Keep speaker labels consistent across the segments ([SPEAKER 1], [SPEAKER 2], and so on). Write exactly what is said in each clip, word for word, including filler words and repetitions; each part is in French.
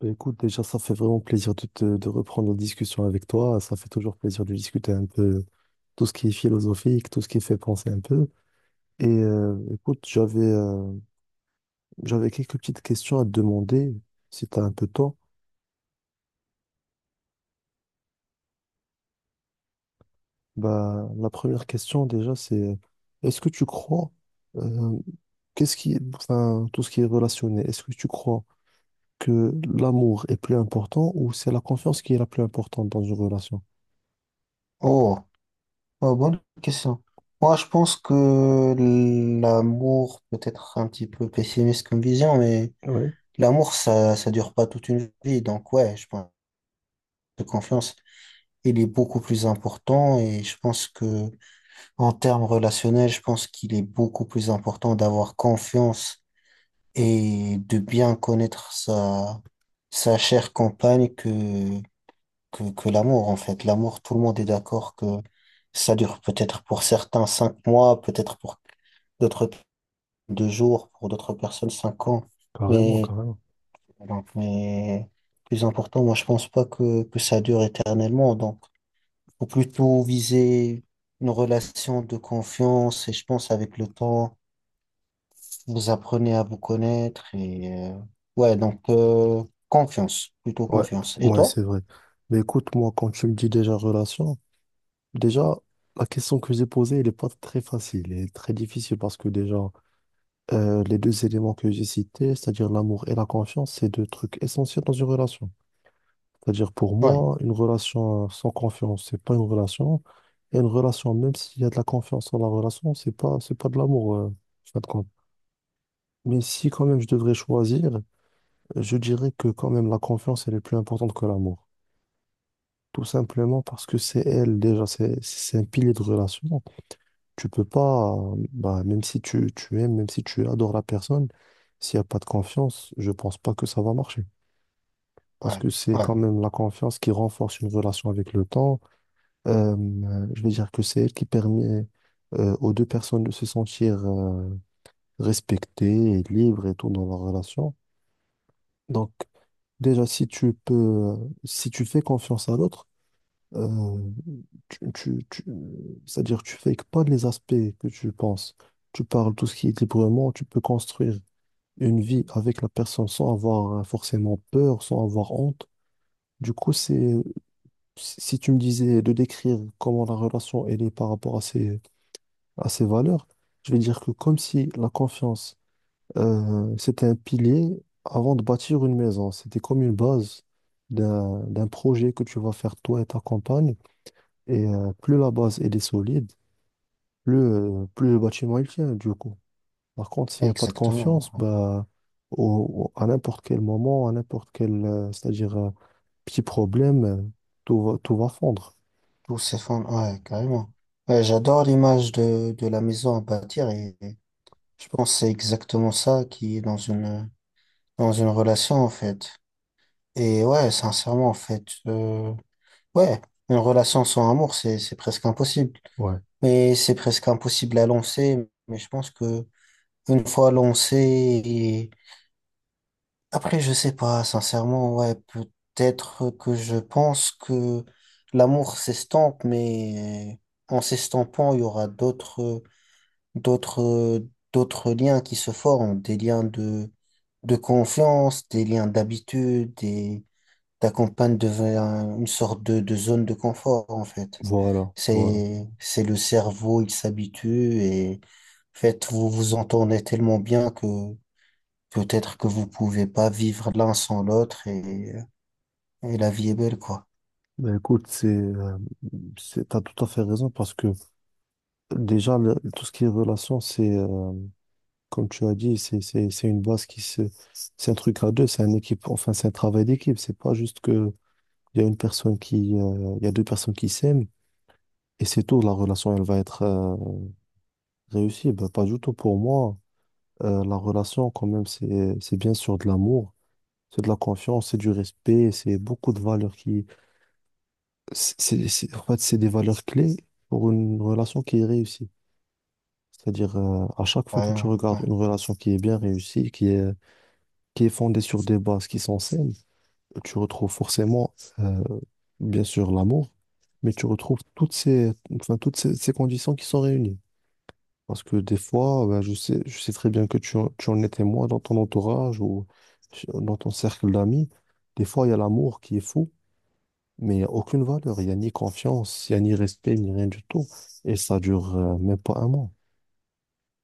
[SPEAKER 1] Bah, écoute, déjà, ça fait vraiment plaisir de, te- de reprendre la discussion avec toi. Ça fait toujours plaisir de discuter un peu tout ce qui est philosophique, tout ce qui fait penser un peu. Et euh, écoute, j'avais euh, j'avais quelques petites questions à te demander, si tu as un peu de temps. Bah, la première question, déjà, c'est euh, est-ce que tu crois, euh, qu'est-ce qui, enfin, tout ce qui est relationné, est-ce que tu crois que l'amour est plus important ou c'est la confiance qui est la plus importante dans une relation?
[SPEAKER 2] Oh, euh, bonne question. Moi, je pense que l'amour, peut-être un petit peu pessimiste comme vision, mais
[SPEAKER 1] Oui,
[SPEAKER 2] l'amour, ça, ça dure pas toute une vie. Donc, ouais, je pense que confiance, il est beaucoup plus important. Et je pense que, en termes relationnels, je pense qu'il est beaucoup plus important d'avoir confiance et de bien connaître sa, sa chère compagne que, que, que l'amour, en fait. L'amour, tout le monde est d'accord que ça dure peut-être pour certains cinq mois, peut-être pour d'autres deux jours, pour d'autres personnes cinq ans.
[SPEAKER 1] carrément,
[SPEAKER 2] Mais,
[SPEAKER 1] carrément.
[SPEAKER 2] donc, mais plus important, moi, je pense pas que, que ça dure éternellement. Donc, faut plutôt viser une relation de confiance et je pense avec le temps. Vous apprenez à vous connaître et euh, ouais, donc euh, confiance, plutôt
[SPEAKER 1] Ouais,
[SPEAKER 2] confiance. Et
[SPEAKER 1] ouais,
[SPEAKER 2] toi?
[SPEAKER 1] c'est vrai. Mais écoute, moi, quand tu me dis déjà relation, déjà, la question que j'ai posée, elle n'est pas très facile, elle est très difficile parce que déjà, euh, les deux éléments que j'ai cités, c'est-à-dire l'amour et la confiance, c'est deux trucs essentiels dans une relation. C'est-à-dire pour
[SPEAKER 2] Ouais,
[SPEAKER 1] moi, une relation sans confiance, c'est pas une relation. Et une relation, même s'il y a de la confiance dans la relation, c'est pas, c'est pas de l'amour, euh, en fin de compte. Mais si quand même je devrais choisir, je dirais que quand même la confiance, elle est plus importante que l'amour. Tout simplement parce que c'est elle, déjà, c'est c'est un pilier de relation. Tu peux pas, euh, bah, même si tu, tu aimes, même si tu adores la personne, s'il n'y a pas de confiance, je pense pas que ça va marcher. Parce
[SPEAKER 2] ouais,
[SPEAKER 1] que c'est
[SPEAKER 2] ouais,
[SPEAKER 1] quand même la confiance qui renforce une relation avec le temps. Euh, euh, je veux dire que c'est elle qui permet euh, aux deux personnes de se sentir euh, respectées et libres et tout dans leur relation. Donc, déjà, si tu peux, si tu fais confiance à l'autre, euh, tu, tu, tu- c'est-à-dire tu fakes pas les aspects que tu penses. Tu parles tout ce qui est librement, tu peux construire une vie avec la personne sans avoir euh, forcément peur, sans avoir honte. Du coup, c'est, si si tu me disais de décrire comment la relation elle est par rapport à ses, à ses valeurs, je vais dire que comme si la confiance, euh, c'était un pilier avant de bâtir une maison. C'était comme une base d'un, d'un projet que tu vas faire toi et ta compagne. Et euh, plus la base elle est solide, plus, euh, plus le bâtiment il tient du coup. Par contre, s'il n'y a pas de confiance,
[SPEAKER 2] exactement. Ouais.
[SPEAKER 1] bah, au- au- à n'importe quel moment, à n'importe quel, euh, c'est-à-dire euh, petit problème, euh, tout va, tout va fondre.
[SPEAKER 2] Tous ces fonds, ouais, carrément. Ouais, j'adore l'image de, de la maison à bâtir et et je pense que c'est exactement ça qui est dans une dans une relation en fait. Et ouais, sincèrement, en fait, euh, ouais, une relation sans amour, c'est, c'est presque impossible.
[SPEAKER 1] Ouais.
[SPEAKER 2] Mais c'est presque impossible à lancer. Mais je pense que une fois lancé, et- après, je sais pas, sincèrement, ouais, peut-être que je pense que l'amour s'estompe, mais en s'estampant, il y aura d'autres, d'autres, d'autres liens qui se forment, des liens de, de confiance, des liens d'habitude, des t'accompagne devant une sorte de, de zone de confort, en fait.
[SPEAKER 1] Voilà, voilà.
[SPEAKER 2] C'est, c'est le cerveau, il s'habitue et en fait, vous vous entendez tellement bien que peut-être que vous pouvez pas vivre l'un sans l'autre et, et la vie est belle, quoi.
[SPEAKER 1] Ben écoute, c'est, euh, c'est, t'as tout à fait raison parce que déjà, le- tout ce qui est relation, c'est, euh, comme tu as dit, c'est, c'est, c'est une base qui se, c'est un truc à deux, c'est un équipe, enfin, c'est un travail d'équipe. C'est pas juste que il y a une personne qui, euh, il y a deux personnes qui s'aiment et c'est tout. La relation, elle va être euh, réussie. Ben, pas du tout pour moi. Euh, la relation, quand même, c'est, c'est bien sûr de l'amour, c'est de la confiance, c'est du respect, c'est beaucoup de valeurs qui, c'est, c'est, c'est- en fait, c'est des valeurs clés pour une relation qui est réussie. C'est-à-dire, euh, à chaque fois que tu
[SPEAKER 2] Carrément,
[SPEAKER 1] regardes
[SPEAKER 2] ouais.
[SPEAKER 1] une relation qui est bien réussie, qui est qui est fondée sur des bases qui sont saines, tu retrouves forcément, euh, bien sûr, l'amour, mais tu retrouves toutes ces, enfin, toutes ces, ces conditions qui sont réunies. Parce que des fois, ben, je sais, je sais très bien que tu, en- tu en es témoin dans ton entourage ou dans ton cercle d'amis. Des fois, il y a l'amour qui est fou, mais il n'y a aucune valeur. Il n'y a ni confiance, il n'y a ni respect, ni rien du tout. Et ça dure euh, même pas un mois.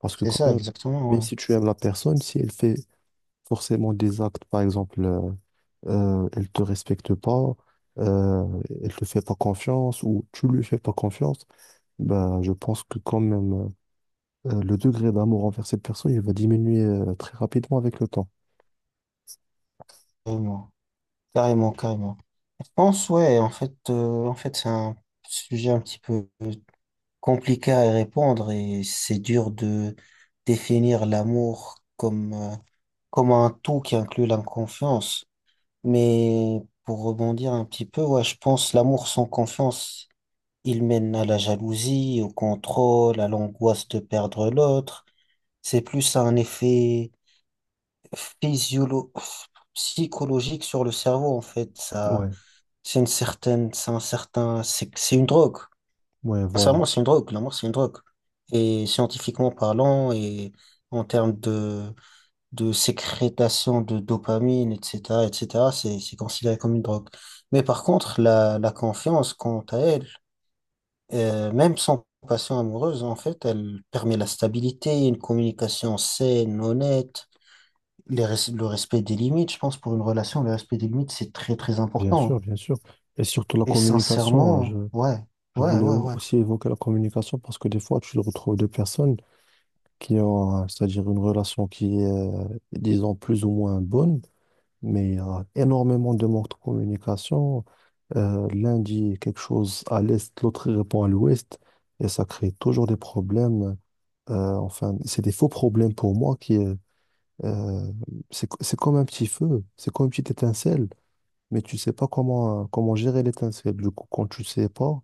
[SPEAKER 1] Parce que
[SPEAKER 2] C'est
[SPEAKER 1] quand
[SPEAKER 2] ça,
[SPEAKER 1] même,
[SPEAKER 2] exactement,
[SPEAKER 1] même
[SPEAKER 2] ouais.
[SPEAKER 1] si tu aimes la personne, si elle fait forcément des actes, par exemple, euh, euh, elle te respecte pas, euh, elle te fait pas confiance ou tu lui fais pas confiance, bah, je pense que quand même euh, le degré d'amour envers cette personne, il va diminuer euh, très rapidement avec le temps.
[SPEAKER 2] Carrément, carrément, carrément. Je pense, ouais, en fait, euh, en fait, c'est un sujet un petit peu compliqué à répondre et c'est dur de définir l'amour comme, euh, comme un tout qui inclut la confiance. Mais pour rebondir un petit peu, ouais, je pense l'amour sans confiance, il mène à la jalousie, au contrôle, à l'angoisse de perdre l'autre. C'est plus un effet physiolo psychologique sur le cerveau, en fait. Ça,
[SPEAKER 1] Ouais,
[SPEAKER 2] c'est une certaine, c'est un certain, c'est c'est une drogue.
[SPEAKER 1] ouais, voilà.
[SPEAKER 2] Sincèrement, c'est une drogue. L'amour, c'est une drogue. Et scientifiquement parlant, et en termes de de sécrétation de dopamine, et cetera, et cetera, c'est, c'est considéré comme une drogue. Mais par contre, la, la confiance, quant à elle, euh, même sans passion amoureuse, en fait, elle permet la stabilité, une communication saine, honnête, les res- le respect des limites. Je pense pour une relation, le respect des limites, c'est très, très
[SPEAKER 1] Bien
[SPEAKER 2] important.
[SPEAKER 1] sûr, bien sûr. Et surtout la
[SPEAKER 2] Et
[SPEAKER 1] communication, hein, je,
[SPEAKER 2] sincèrement, ouais,
[SPEAKER 1] je
[SPEAKER 2] ouais,
[SPEAKER 1] voulais
[SPEAKER 2] ouais,
[SPEAKER 1] au-
[SPEAKER 2] ouais,
[SPEAKER 1] aussi évoquer la communication parce que des fois, tu retrouves deux personnes qui ont, euh, c'est-à-dire une relation qui est, euh, disons, plus ou moins bonne mais il y a énormément de manque de communication. Euh, l'un dit quelque chose à l'est, l'autre il répond à l'ouest, et ça crée toujours des problèmes. Euh, enfin, c'est des faux problèmes pour moi qui, euh, euh, c'est, c'est comme un petit feu, c'est comme une petite étincelle, mais tu sais pas comment, euh, comment gérer l'étincelle. Du coup, quand tu sais pas,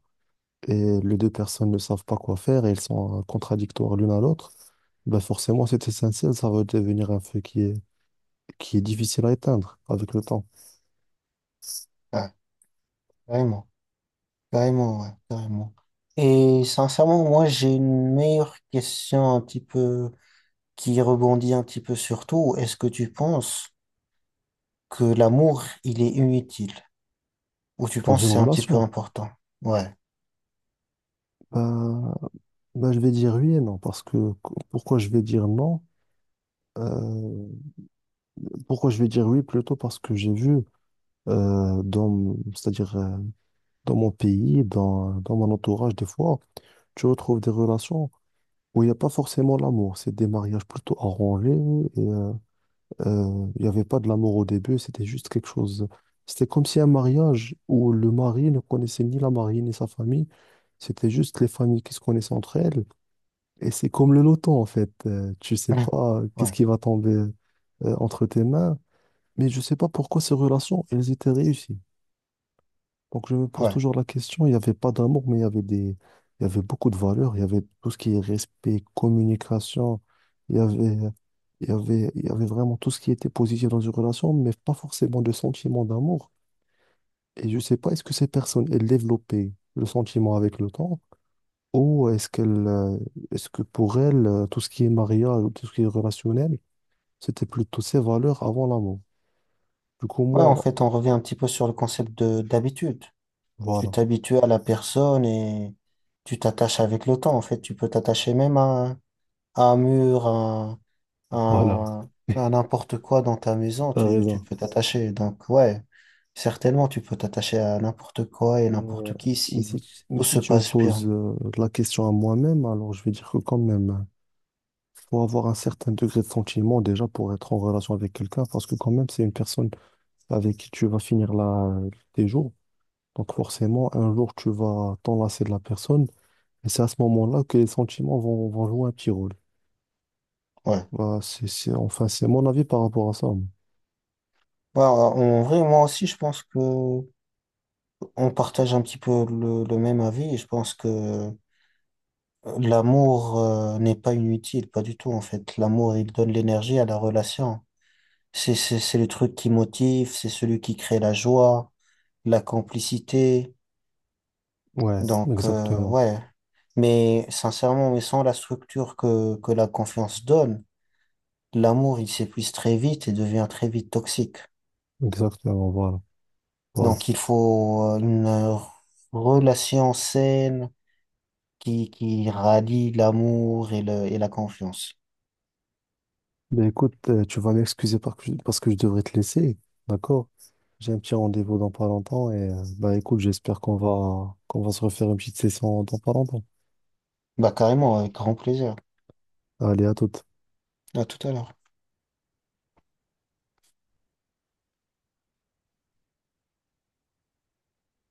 [SPEAKER 1] et les deux personnes ne savent pas quoi faire, et elles sont euh, contradictoires l'une à l'autre, ben forcément, cette étincelle, ça va devenir un feu qui est, qui est difficile à éteindre avec le temps,
[SPEAKER 2] ouais, carrément, carrément, ouais, carrément. Et sincèrement, moi, j'ai une meilleure question un petit peu qui rebondit un petit peu sur tout, est-ce que tu penses que l'amour, il est inutile? Ou tu
[SPEAKER 1] dans
[SPEAKER 2] penses que
[SPEAKER 1] une
[SPEAKER 2] c'est un petit peu
[SPEAKER 1] relation.
[SPEAKER 2] important? Ouais.
[SPEAKER 1] Bah, bah, je vais dire oui et non, parce que qu- pourquoi je vais dire non? Euh, Pourquoi je vais dire oui plutôt parce que j'ai vu euh, dans, m- c'est-à-dire euh, dans mon pays, dans, dans mon entourage, des fois, tu retrouves des relations où il n'y a pas forcément l'amour. C'est des mariages plutôt arrangés et euh, euh, il n'y avait pas de l'amour au début, c'était juste quelque chose. C'était comme si un mariage où le mari ne connaissait ni la mariée ni sa famille, c'était juste les familles qui se connaissaient entre elles. Et c'est comme le loto, en fait. Euh, tu sais
[SPEAKER 2] Ouais.
[SPEAKER 1] pas qu'est-ce
[SPEAKER 2] Ouais.
[SPEAKER 1] qui va tomber euh, entre tes mains. Mais je sais pas pourquoi ces relations, elles étaient réussies. Donc je me pose
[SPEAKER 2] Ouais,
[SPEAKER 1] toujours la question, il n'y avait pas d'amour, mais il y avait des... il y avait beaucoup de valeurs. Il y avait tout ce qui est respect, communication. Il y avait, il y avait, il y avait vraiment tout ce qui était positif dans une relation, mais pas forcément de sentiment d'amour. Et je sais pas, est-ce que ces personnes, elles développaient le sentiment avec le temps ou est-ce qu'elle, euh, est-ce que pour elle, euh, tout ce qui est mariage, tout ce qui est relationnel, c'était plutôt ses valeurs avant l'amour. Du coup,
[SPEAKER 2] ouais, en
[SPEAKER 1] moi,
[SPEAKER 2] fait, on revient un petit peu sur le concept de d'habitude. Tu
[SPEAKER 1] voilà,
[SPEAKER 2] t'habitues à la personne et tu t'attaches avec le temps. En fait, tu peux t'attacher même à, à un mur, à,
[SPEAKER 1] voilà,
[SPEAKER 2] à- à n'importe quoi dans ta maison.
[SPEAKER 1] t'as
[SPEAKER 2] Tu, tu
[SPEAKER 1] raison.
[SPEAKER 2] peux t'attacher. Donc, ouais, certainement, tu peux t'attacher à n'importe quoi et
[SPEAKER 1] Mais, euh,
[SPEAKER 2] n'importe qui
[SPEAKER 1] mais
[SPEAKER 2] si
[SPEAKER 1] si, tu- mais
[SPEAKER 2] tout
[SPEAKER 1] si
[SPEAKER 2] se
[SPEAKER 1] tu me
[SPEAKER 2] passe
[SPEAKER 1] poses
[SPEAKER 2] bien.
[SPEAKER 1] euh, la question à moi-même, alors je vais dire que quand même, euh, faut avoir un certain degré de sentiment déjà pour être en relation avec quelqu'un, parce que quand même, c'est une personne avec qui tu vas finir là tes jours. Donc forcément, un jour, tu vas t'enlacer de la personne, et c'est à ce moment-là que les sentiments vont, vont jouer un petit rôle.
[SPEAKER 2] Ouais.
[SPEAKER 1] Voilà, c'est, c'est, enfin, c'est mon avis par rapport à ça.
[SPEAKER 2] Bah, en vrai, moi aussi, je pense que on partage un petit peu le, le même avis. Et je pense que euh, l'amour, euh, n'est pas inutile, pas du tout, en fait. L'amour, il donne l'énergie à la relation. C'est, c'est, c'est le truc qui motive, c'est celui qui crée la joie, la complicité.
[SPEAKER 1] Ouais,
[SPEAKER 2] Donc, euh,
[SPEAKER 1] exactement.
[SPEAKER 2] ouais. Mais sincèrement, mais sans la structure que, que la confiance donne, l'amour, il s'épuise très vite et devient très vite toxique.
[SPEAKER 1] Exactement, voilà. Voilà.
[SPEAKER 2] Donc, il faut euh, une relation saine qui, qui rallie l'amour et, le, et la confiance.
[SPEAKER 1] Mais écoute, euh, tu vas m'excuser par- parce que je devrais te laisser, d'accord? J'ai un petit rendez-vous dans pas longtemps et euh, bah écoute, j'espère qu'on va qu'on va se refaire une petite session dans pas longtemps.
[SPEAKER 2] Bah, carrément, avec grand plaisir.
[SPEAKER 1] Allez, à toute.
[SPEAKER 2] À tout à l'heure.